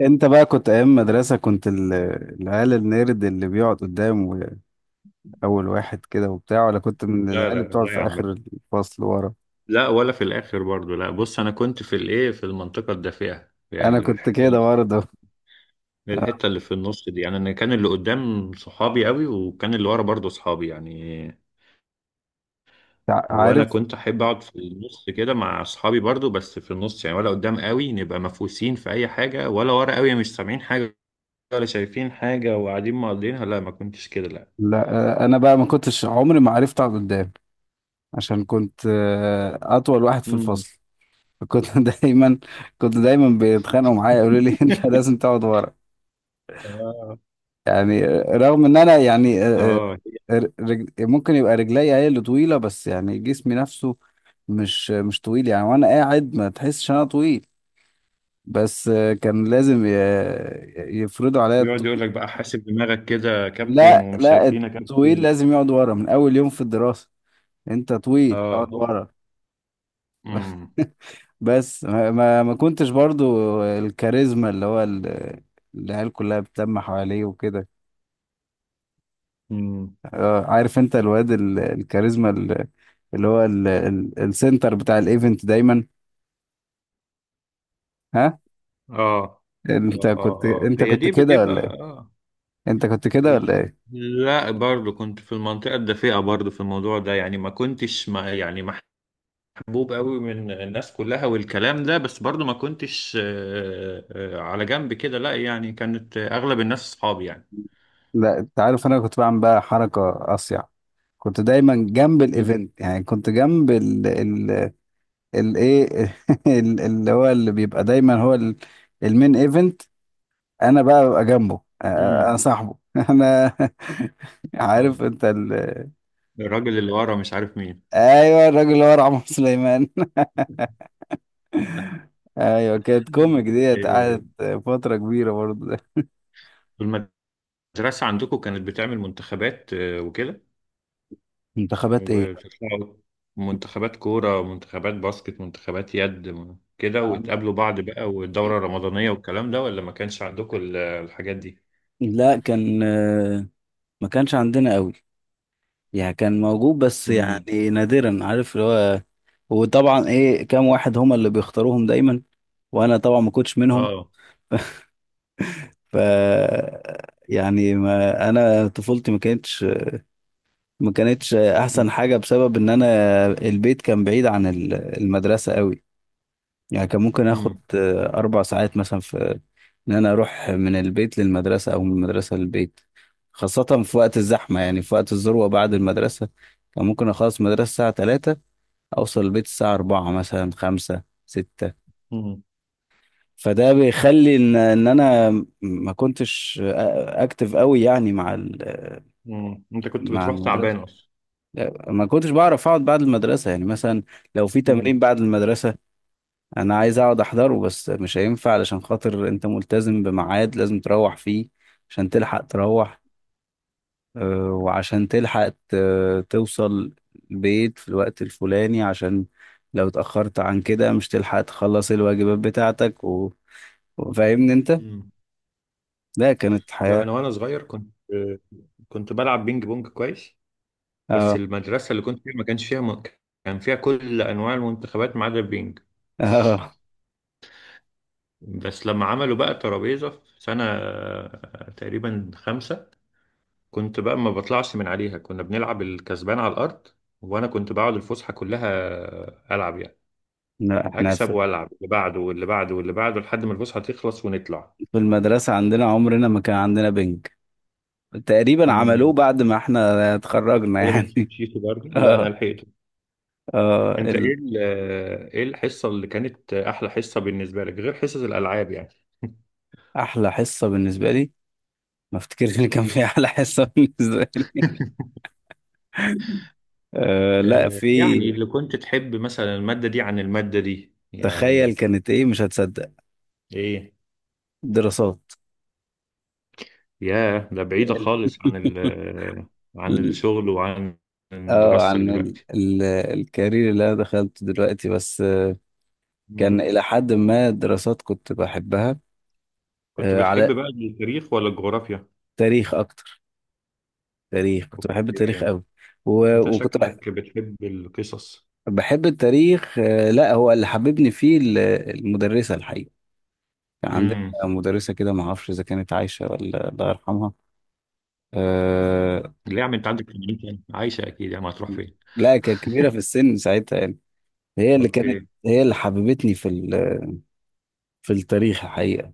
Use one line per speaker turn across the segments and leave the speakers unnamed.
انت بقى كنت ايام مدرسة العيال النيرد اللي بيقعد قدام اول واحد كده وبتاع، ولا كنت من
لا
العيال
لا
اللي بتقعد
لا يا
في
عم.
اخر الفصل ورا؟
لا ولا في الاخر برضو لا. بص انا كنت في في المنطقه الدافئه،
انا
يعني
كنت
الحته
كده
اللي
برضه.
الحته اللي في النص دي. يعني انا كان اللي قدام صحابي قوي، وكان اللي ورا برضو صحابي يعني. وانا
عارف؟
كنت احب اقعد في النص كده مع اصحابي برضو، بس في النص يعني، ولا قدام قوي نبقى مفوسين في اي حاجه، ولا ورا قوي مش سامعين حاجه ولا شايفين حاجه وقاعدين مقضينها. لا، ما كنتش كده لا.
لا انا بقى ما كنتش، عمري ما عرفت اقعد قدام عشان كنت اطول واحد في
مم.
الفصل. فكنت دايما كنت دايما بيتخانقوا معايا، يقولوا لي انت لازم تقعد ورا.
اه.
يعني رغم ان انا
آه.
ممكن يبقى رجليا هي اللي طويله، بس يعني جسمي نفسه مش طويل يعني، وانا قاعد ما تحسش انا طويل. بس كان لازم يفرضوا عليا
بيقعد يقول
الطويل.
لك بقى حاسب دماغك كده يا كابتن،
لا،
ومش
لا،
شايفينك يا
الطويل
كابتن.
لازم يقعد ورا من اول يوم في الدراسه. انت طويل
اه،
اقعد ورا.
امم.
بس ما كنتش برضو الكاريزما، العيال كلها بتلم حواليه وكده.
امم.
عارف انت الواد الكاريزما، ال- اللي هو ال- ال- السنتر بتاع الايفنت دايما. ها،
اه اه
انت
اه. آه، هي
كنت
دي
كده
بتبقى
ولا ايه؟
اه.
انت كنت كده ولا ايه؟
لا، برضو كنت في المنطقة الدفيئة برضو في الموضوع ده، يعني ما كنتش ما يعني محبوب قوي من الناس كلها والكلام ده، بس برضو ما كنتش على جنب كده لا، يعني كانت اغلب الناس اصحابي يعني.
لا، انت عارف انا كنت بعمل بقى حركة اصيع. كنت دايما جنب الايفنت، يعني كنت جنب ال الايه اللي هو اللي بيبقى دايما هو المين ايفنت. انا بقى ببقى جنبه، انا
امم.
صاحبه. انا عارف انت
الراجل اللي ورا مش عارف مين.
ايوه، الراجل اللي هو رعمه سليمان. ايوه، كانت كوميك ديت،
إيه،
قعدت فترة كبيرة برضه.
طول ما المدرسة عندكم كانت بتعمل منتخبات وكده،
منتخبات ايه؟
وبتطلعوا منتخبات كورة، منتخبات باسكت، منتخبات يد، كده وتقابلوا بعض بقى، والدورة الرمضانية والكلام ده، ولا ما كانش عندكم الحاجات دي؟
لا، كان ما كانش عندنا قوي. يعني كان موجود بس
امم.
يعني نادرا، عارف اللي هو. وطبعا ايه، كام واحد هما اللي بيختاروهم دايما، وانا طبعا ما كنتش منهم.
اه.
ف يعني ما انا طفولتي ما كانتش
امم.
احسن حاجة بسبب ان انا البيت كان بعيد عن المدرسة قوي. يعني كان ممكن اخد
امم.
اربع ساعات مثلا في ان انا اروح من البيت للمدرسه او من المدرسه للبيت، خاصه في وقت الزحمه، يعني في وقت الذروه بعد المدرسه. كان ممكن اخلص مدرسه الساعه 3، اوصل البيت الساعه 4، مثلا 5، 6.
امم.
فده بيخلي ان انا ما كنتش اكتف قوي يعني مع
أمم. انت كنت
مع
بتروح تعبان
المدرسه.
اصلا؟
لا، ما كنتش بعرف اقعد بعد المدرسه، يعني مثلا لو في
امم.
تمرين بعد المدرسه، انا عايز اقعد احضره بس مش هينفع علشان خاطر انت ملتزم بميعاد لازم تروح فيه عشان تلحق تروح. وعشان تلحق توصل البيت في الوقت الفلاني، عشان لو اتأخرت عن كده مش تلحق تخلص الواجبات بتاعتك. وفاهمني انت.
امم.
لا، كانت
لا،
حياة.
انا وانا صغير كنت كنت بلعب بينج بونج كويس، بس
اه.
المدرسة اللي كنت فيها ما كانش فيها كان فيها كل انواع المنتخبات ما عدا البينج.
اه.
بس لما عملوا بقى الترابيزة في سنة تقريبا 5، كنت بقى ما بطلعش من عليها، كنا بنلعب الكسبان على الأرض، وأنا كنت بقعد الفسحة كلها ألعب يعني،
لا، احنا
أكسب
في
وألعب اللي بعده واللي بعده واللي بعده لحد ما الفسحة تخلص ونطلع.
المدرسة عندنا عمرنا ما كان عندنا بنج، تقريبا عملوه
امم.
بعد ما احنا اتخرجنا
ولا ما
يعني.
مشيت برضه، لا أنا
اه،
لحقته.
اه،
أنت إيه إيه الحصة اللي كانت أحلى حصة بالنسبة لك غير حصص الألعاب يعني؟
احلى حصة بالنسبة لي، ما افتكرش ان كان في احلى حصه بالنسبه لي. أه لا،
آه،
في.
يعني اللي كنت تحب مثلا المادة دي عن المادة دي
تخيل
يعني؟
كانت ايه، مش هتصدق؟
إيه؟
دراسات.
ياه، ده بعيدة خالص عن ال... عن
ال-
الشغل وعن
اه،
دراستك
عن ال
دلوقتي.
ال الكارير اللي انا دخلته دلوقتي، بس كان
مم.
الى حد ما دراسات كنت بحبها.
كنت
على
بتحب بقى التاريخ ولا الجغرافيا؟
تاريخ اكتر. تاريخ، كنت بحب التاريخ
اوكي.
قوي. و-
انت
وكنت بح-
شكلك بتحب القصص.
بحب التاريخ لا، هو اللي حببني فيه المدرسه الحقيقه. كان عندنا
امم.
مدرسه كده، ما اعرفش اذا كانت عايشه ولا الله يرحمها. آه،
ليه يا عم، انت عندك في المنيا؟ عايشة اكيد، يا ما هتروح فين؟
لا، كانت كبيرة في السن ساعتها يعني. هي اللي كانت،
اوكي.
هي اللي حببتني في التاريخ الحقيقة.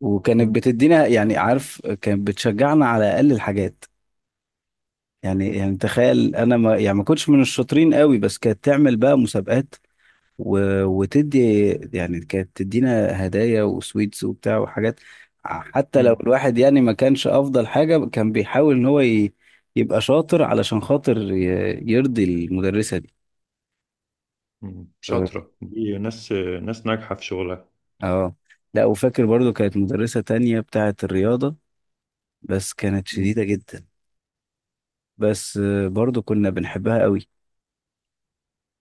وكانت
مم.
بتدينا، يعني عارف، كانت بتشجعنا على أقل الحاجات. يعني تخيل أنا، ما يعني ما كنتش من الشاطرين قوي، بس كانت تعمل بقى مسابقات و... وتدي، يعني كانت تدينا هدايا وسويتس وبتاع وحاجات. حتى لو
مم.
الواحد يعني ما كانش أفضل حاجة، كان بيحاول إن هو يبقى شاطر علشان خاطر يرضي المدرسة
مم.
دي.
شاطرة دي ناس، ناس ناجحة في شغلها.
اه. لا، وفاكر برضو كانت مدرسة تانية بتاعة الرياضة، بس كانت
مم.
شديدة جدا. بس برضو كنا بنحبها قوي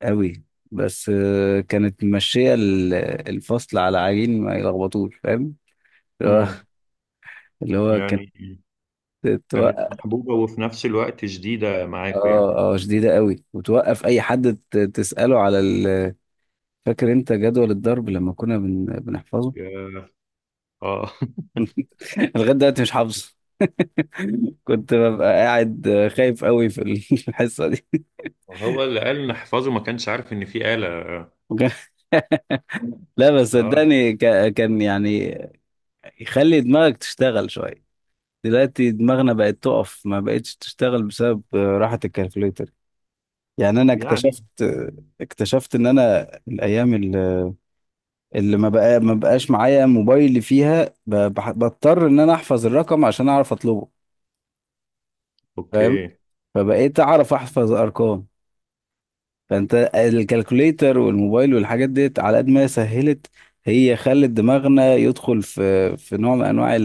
قوي. بس كانت ماشية الفصل على عجين ما يلخبطوش، فاهم؟ اللي هو،
مم.
كانت
يعني كانت
توقف.
محبوبة وفي نفس الوقت شديدة معاكوا يعني.
اه، اه، شديدة قوي، وتوقف اي حد تسأله على فاكر انت جدول الضرب لما كنا بنحفظه؟
يا- اه.
لغاية دلوقتي مش حافظه. كنت ببقى قاعد خايف قوي في الحصة دي.
هو اللي قال نحفظه ما كانش عارف ان في آلة.
لا، بس
آه.
صدقني، كان يعني يخلي دماغك تشتغل شوية. دلوقتي دماغنا بقت تقف، ما بقتش تشتغل بسبب راحة الكالكوليتر. يعني انا
يعني
اكتشفت، ان انا الايام اللي ما بقاش معايا موبايل فيها، بضطر ان انا احفظ الرقم عشان اعرف اطلبه، فاهم؟
أوكي.
فبقيت اعرف احفظ ارقام. فانت الكالكوليتر والموبايل والحاجات ديت على قد ما هي سهلت، هي خلت دماغنا يدخل في نوع من انواع،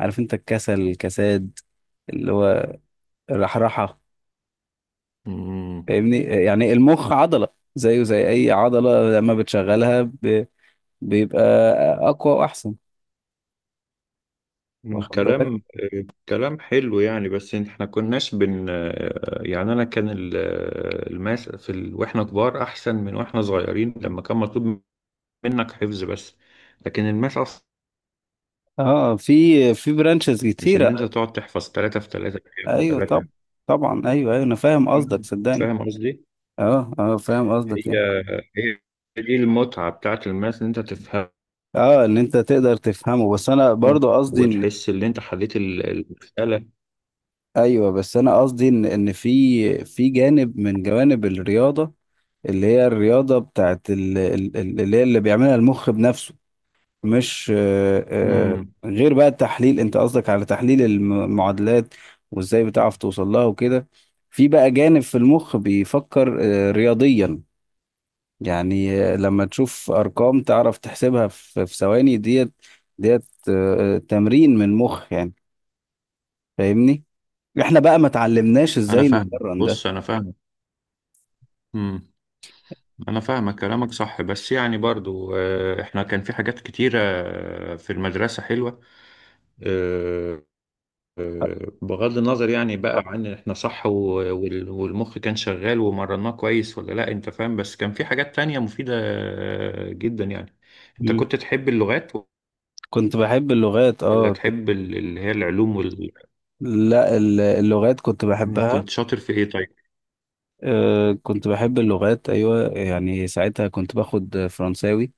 عارف انت، الكسل، الكساد، اللي هو الرحرحة.
مم.
فاهمني؟ يعني المخ عضلة، زيه زي اي عضلة، لما بتشغلها بيبقى اقوى واحسن،
مم،
واخد بالك؟
كلام كلام حلو، يعني بس احنا كناش بن يعني انا كان الماس في ال... واحنا كبار احسن من واحنا صغيرين، لما كان مطلوب منك حفظ بس. لكن الماس اصلا
اه، في برانشز
مش ان انت
كتيرة.
تقعد تحفظ ثلاثة في ثلاثة في
ايوه طب.
ثلاثة.
طبعا، ايوه، ايوه، انا فاهم قصدك صدقني.
فاهم قصدي؟
اه، اه، فاهم قصدك
هي
يعني.
هي دي المتعة بتاعت الماس، ان انت تفهمه
اه، ان انت تقدر تفهمه. بس انا برضو قصدي ان،
وتحس ان انت حليت المسألة.
ايوه، بس انا قصدي ان في جانب من جوانب الرياضة، اللي هي الرياضة بتاعت اللي هي اللي بيعملها المخ بنفسه. مش
مم.
غير بقى التحليل، انت قصدك على تحليل المعادلات وازاي بتعرف توصل لها وكده. في بقى جانب في المخ بيفكر رياضيا. يعني لما تشوف ارقام تعرف تحسبها في ثواني، ديت تمرين من مخ يعني. فاهمني؟ احنا بقى ما اتعلمناش
انا
ازاي
فاهمك،
نتمرن ده.
بص انا فاهمك. امم. انا فاهمك كلامك صح، بس يعني برضو احنا كان في حاجات كتيرة في المدرسة حلوة. آه، بغض النظر يعني بقى
طبعا.
عن احنا صح، والمخ كان شغال ومرناه كويس ولا لا، انت فاهم؟ بس كان في حاجات تانية مفيدة جدا يعني. انت
مم.
كنت تحب اللغات
كنت بحب اللغات،
ولا
اه.
تحب اللي هي العلوم وال...؟
لا، اللغات كنت
مم،
بحبها.
كنت شاطر في ايه طيب؟
كنت بحب اللغات أيوة، يعني ساعتها كنت باخد فرنساوي.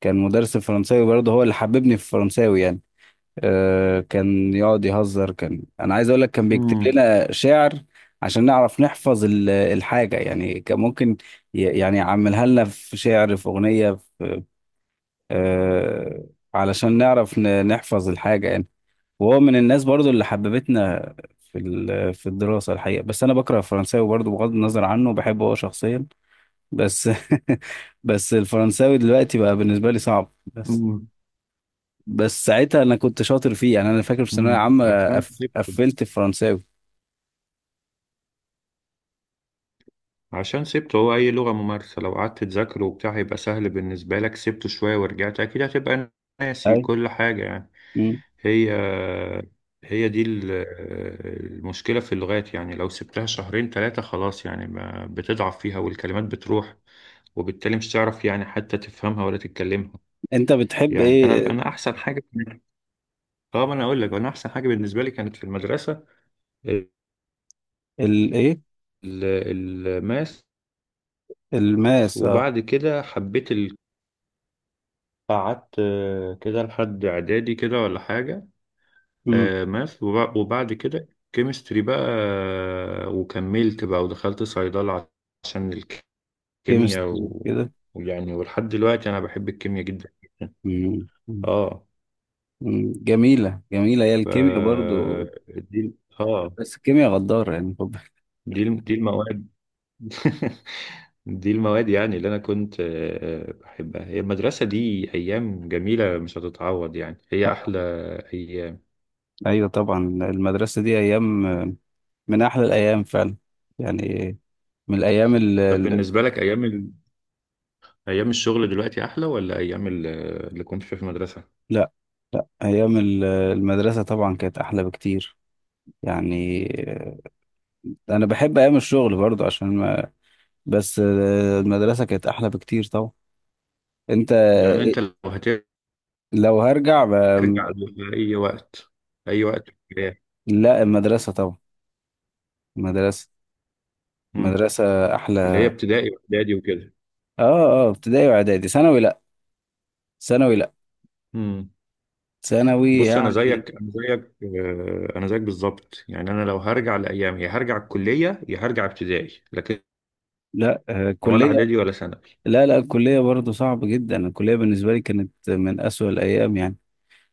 كان مدرس الفرنساوي برضه هو اللي حببني في الفرنساوي يعني. كان يقعد يهزر، كان أنا عايز أقول لك كان بيكتب
امم.
لنا شعر عشان نعرف نحفظ الحاجة يعني. كان ممكن يعني يعملها لنا في شعر، في أغنية، في آه، علشان نعرف نحفظ الحاجة يعني. وهو من الناس برضو اللي حببتنا في الدراسة الحقيقة، بس أنا بكره الفرنساوي برضو، بغض النظر عنه، بحبه هو شخصيا. بس بس الفرنساوي دلوقتي بقى بالنسبة لي صعب، بس
امم.
بس ساعتها أنا كنت شاطر فيه، يعني أنا فاكر في ثانوية
امم.
عامة قفلت الفرنساوي.
عشان سبته، هو أي لغة ممارسة لو قعدت تذاكره وبتاع هيبقى سهل بالنسبة لك، سبته شوية ورجعت أكيد هتبقى ناسي
أي.
كل حاجة يعني.
مم.
هي هي دي المشكلة في اللغات، يعني لو سبتها شهرين 3 خلاص يعني ما بتضعف فيها والكلمات بتروح، وبالتالي مش تعرف يعني حتى تفهمها ولا تتكلمها.
أنت بتحب
يعني أنا
إيه؟
أنا أحسن حاجة، اه ما أنا أقول لك، أنا أحسن حاجة بالنسبة لي كانت في المدرسة ال-
إيه؟
الماس.
الماس، أه.
وبعد كده حبيت، قعدت كده لحد اعدادي كده ولا حاجه.
مم.
ماث، وبعد كده كيمستري بقى. وكملت بقى ودخلت صيدله عشان الكيمياء
كيمستري كده.
ويعني. ولحد دلوقتي انا بحب الكيمياء جدا.
مم.
اه.
مم. جميلة، جميلة هي
ف
الكيمياء برضو.
دي اه.
بس الكيمياء غدارة يعني.
دي المواد. دي المواد يعني اللي انا كنت بحبها. هي المدرسه دي ايام جميله مش هتتعوض، يعني هي احلى ايام.
ايوه طبعا، المدرسه دي ايام من احلى الايام فعلا يعني، من الايام
طب بالنسبه لك ايام، ايام الشغل دلوقتي احلى ولا ايام اللي كنت فيها في المدرسه؟
لا، لا، ايام المدرسه طبعا كانت احلى بكتير يعني. انا بحب ايام الشغل برضو عشان ما، بس المدرسه كانت احلى بكتير طبعا. انت.
يعني انت لو هترجع
لو هرجع
لاي وقت، اي وقت في الحياة،
لا، المدرسه طبعا. المدرسه
مم.
المدرسه
اللي هي
احلى.
ابتدائي واعدادي وكده.
اه. اه، ابتدائي واعدادي، ثانوي لا، ثانوي لا،
مم.
ثانوي
بص انا
يعني.
زيك انا زيك آه، انا زيك بالظبط، يعني انا لو هرجع لايام، يا هرجع الكليه يا هرجع ابتدائي، لكن
لا،
ولا
كليه.
اعدادي ولا ثانوي.
لا لا، الكلية برضه صعبة جدا، الكلية بالنسبة لي كانت من أسوأ الأيام يعني.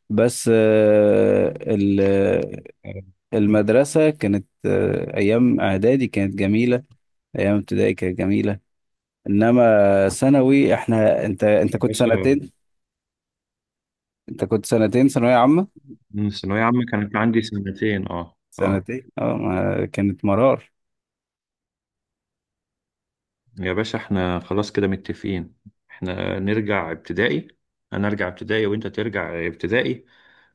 بس
آه،
المدرسة كانت، أيام إعدادي كانت جميلة، أيام ابتدائي كانت جميلة، إنما ثانوي، إحنا، أنت
يا
كنت
باشا.
سنتين، أنت كنت سنتين ثانوية عامة.
مم، الثانويه عامه كانت عندي سنتين، اه اه.
سنتين، أه، كانت مرار.
يا باشا احنا خلاص كده متفقين. احنا نرجع ابتدائي، انا ارجع ابتدائي وانت ترجع ابتدائي،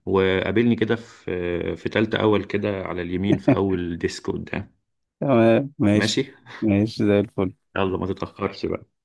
وقابلني كده في في تالتة اول كده على اليمين في اول ديسك قدام.
تمام، ماشي.
ماشي.
ماشي زي الفل.
يلا ما تتأخرش بقى.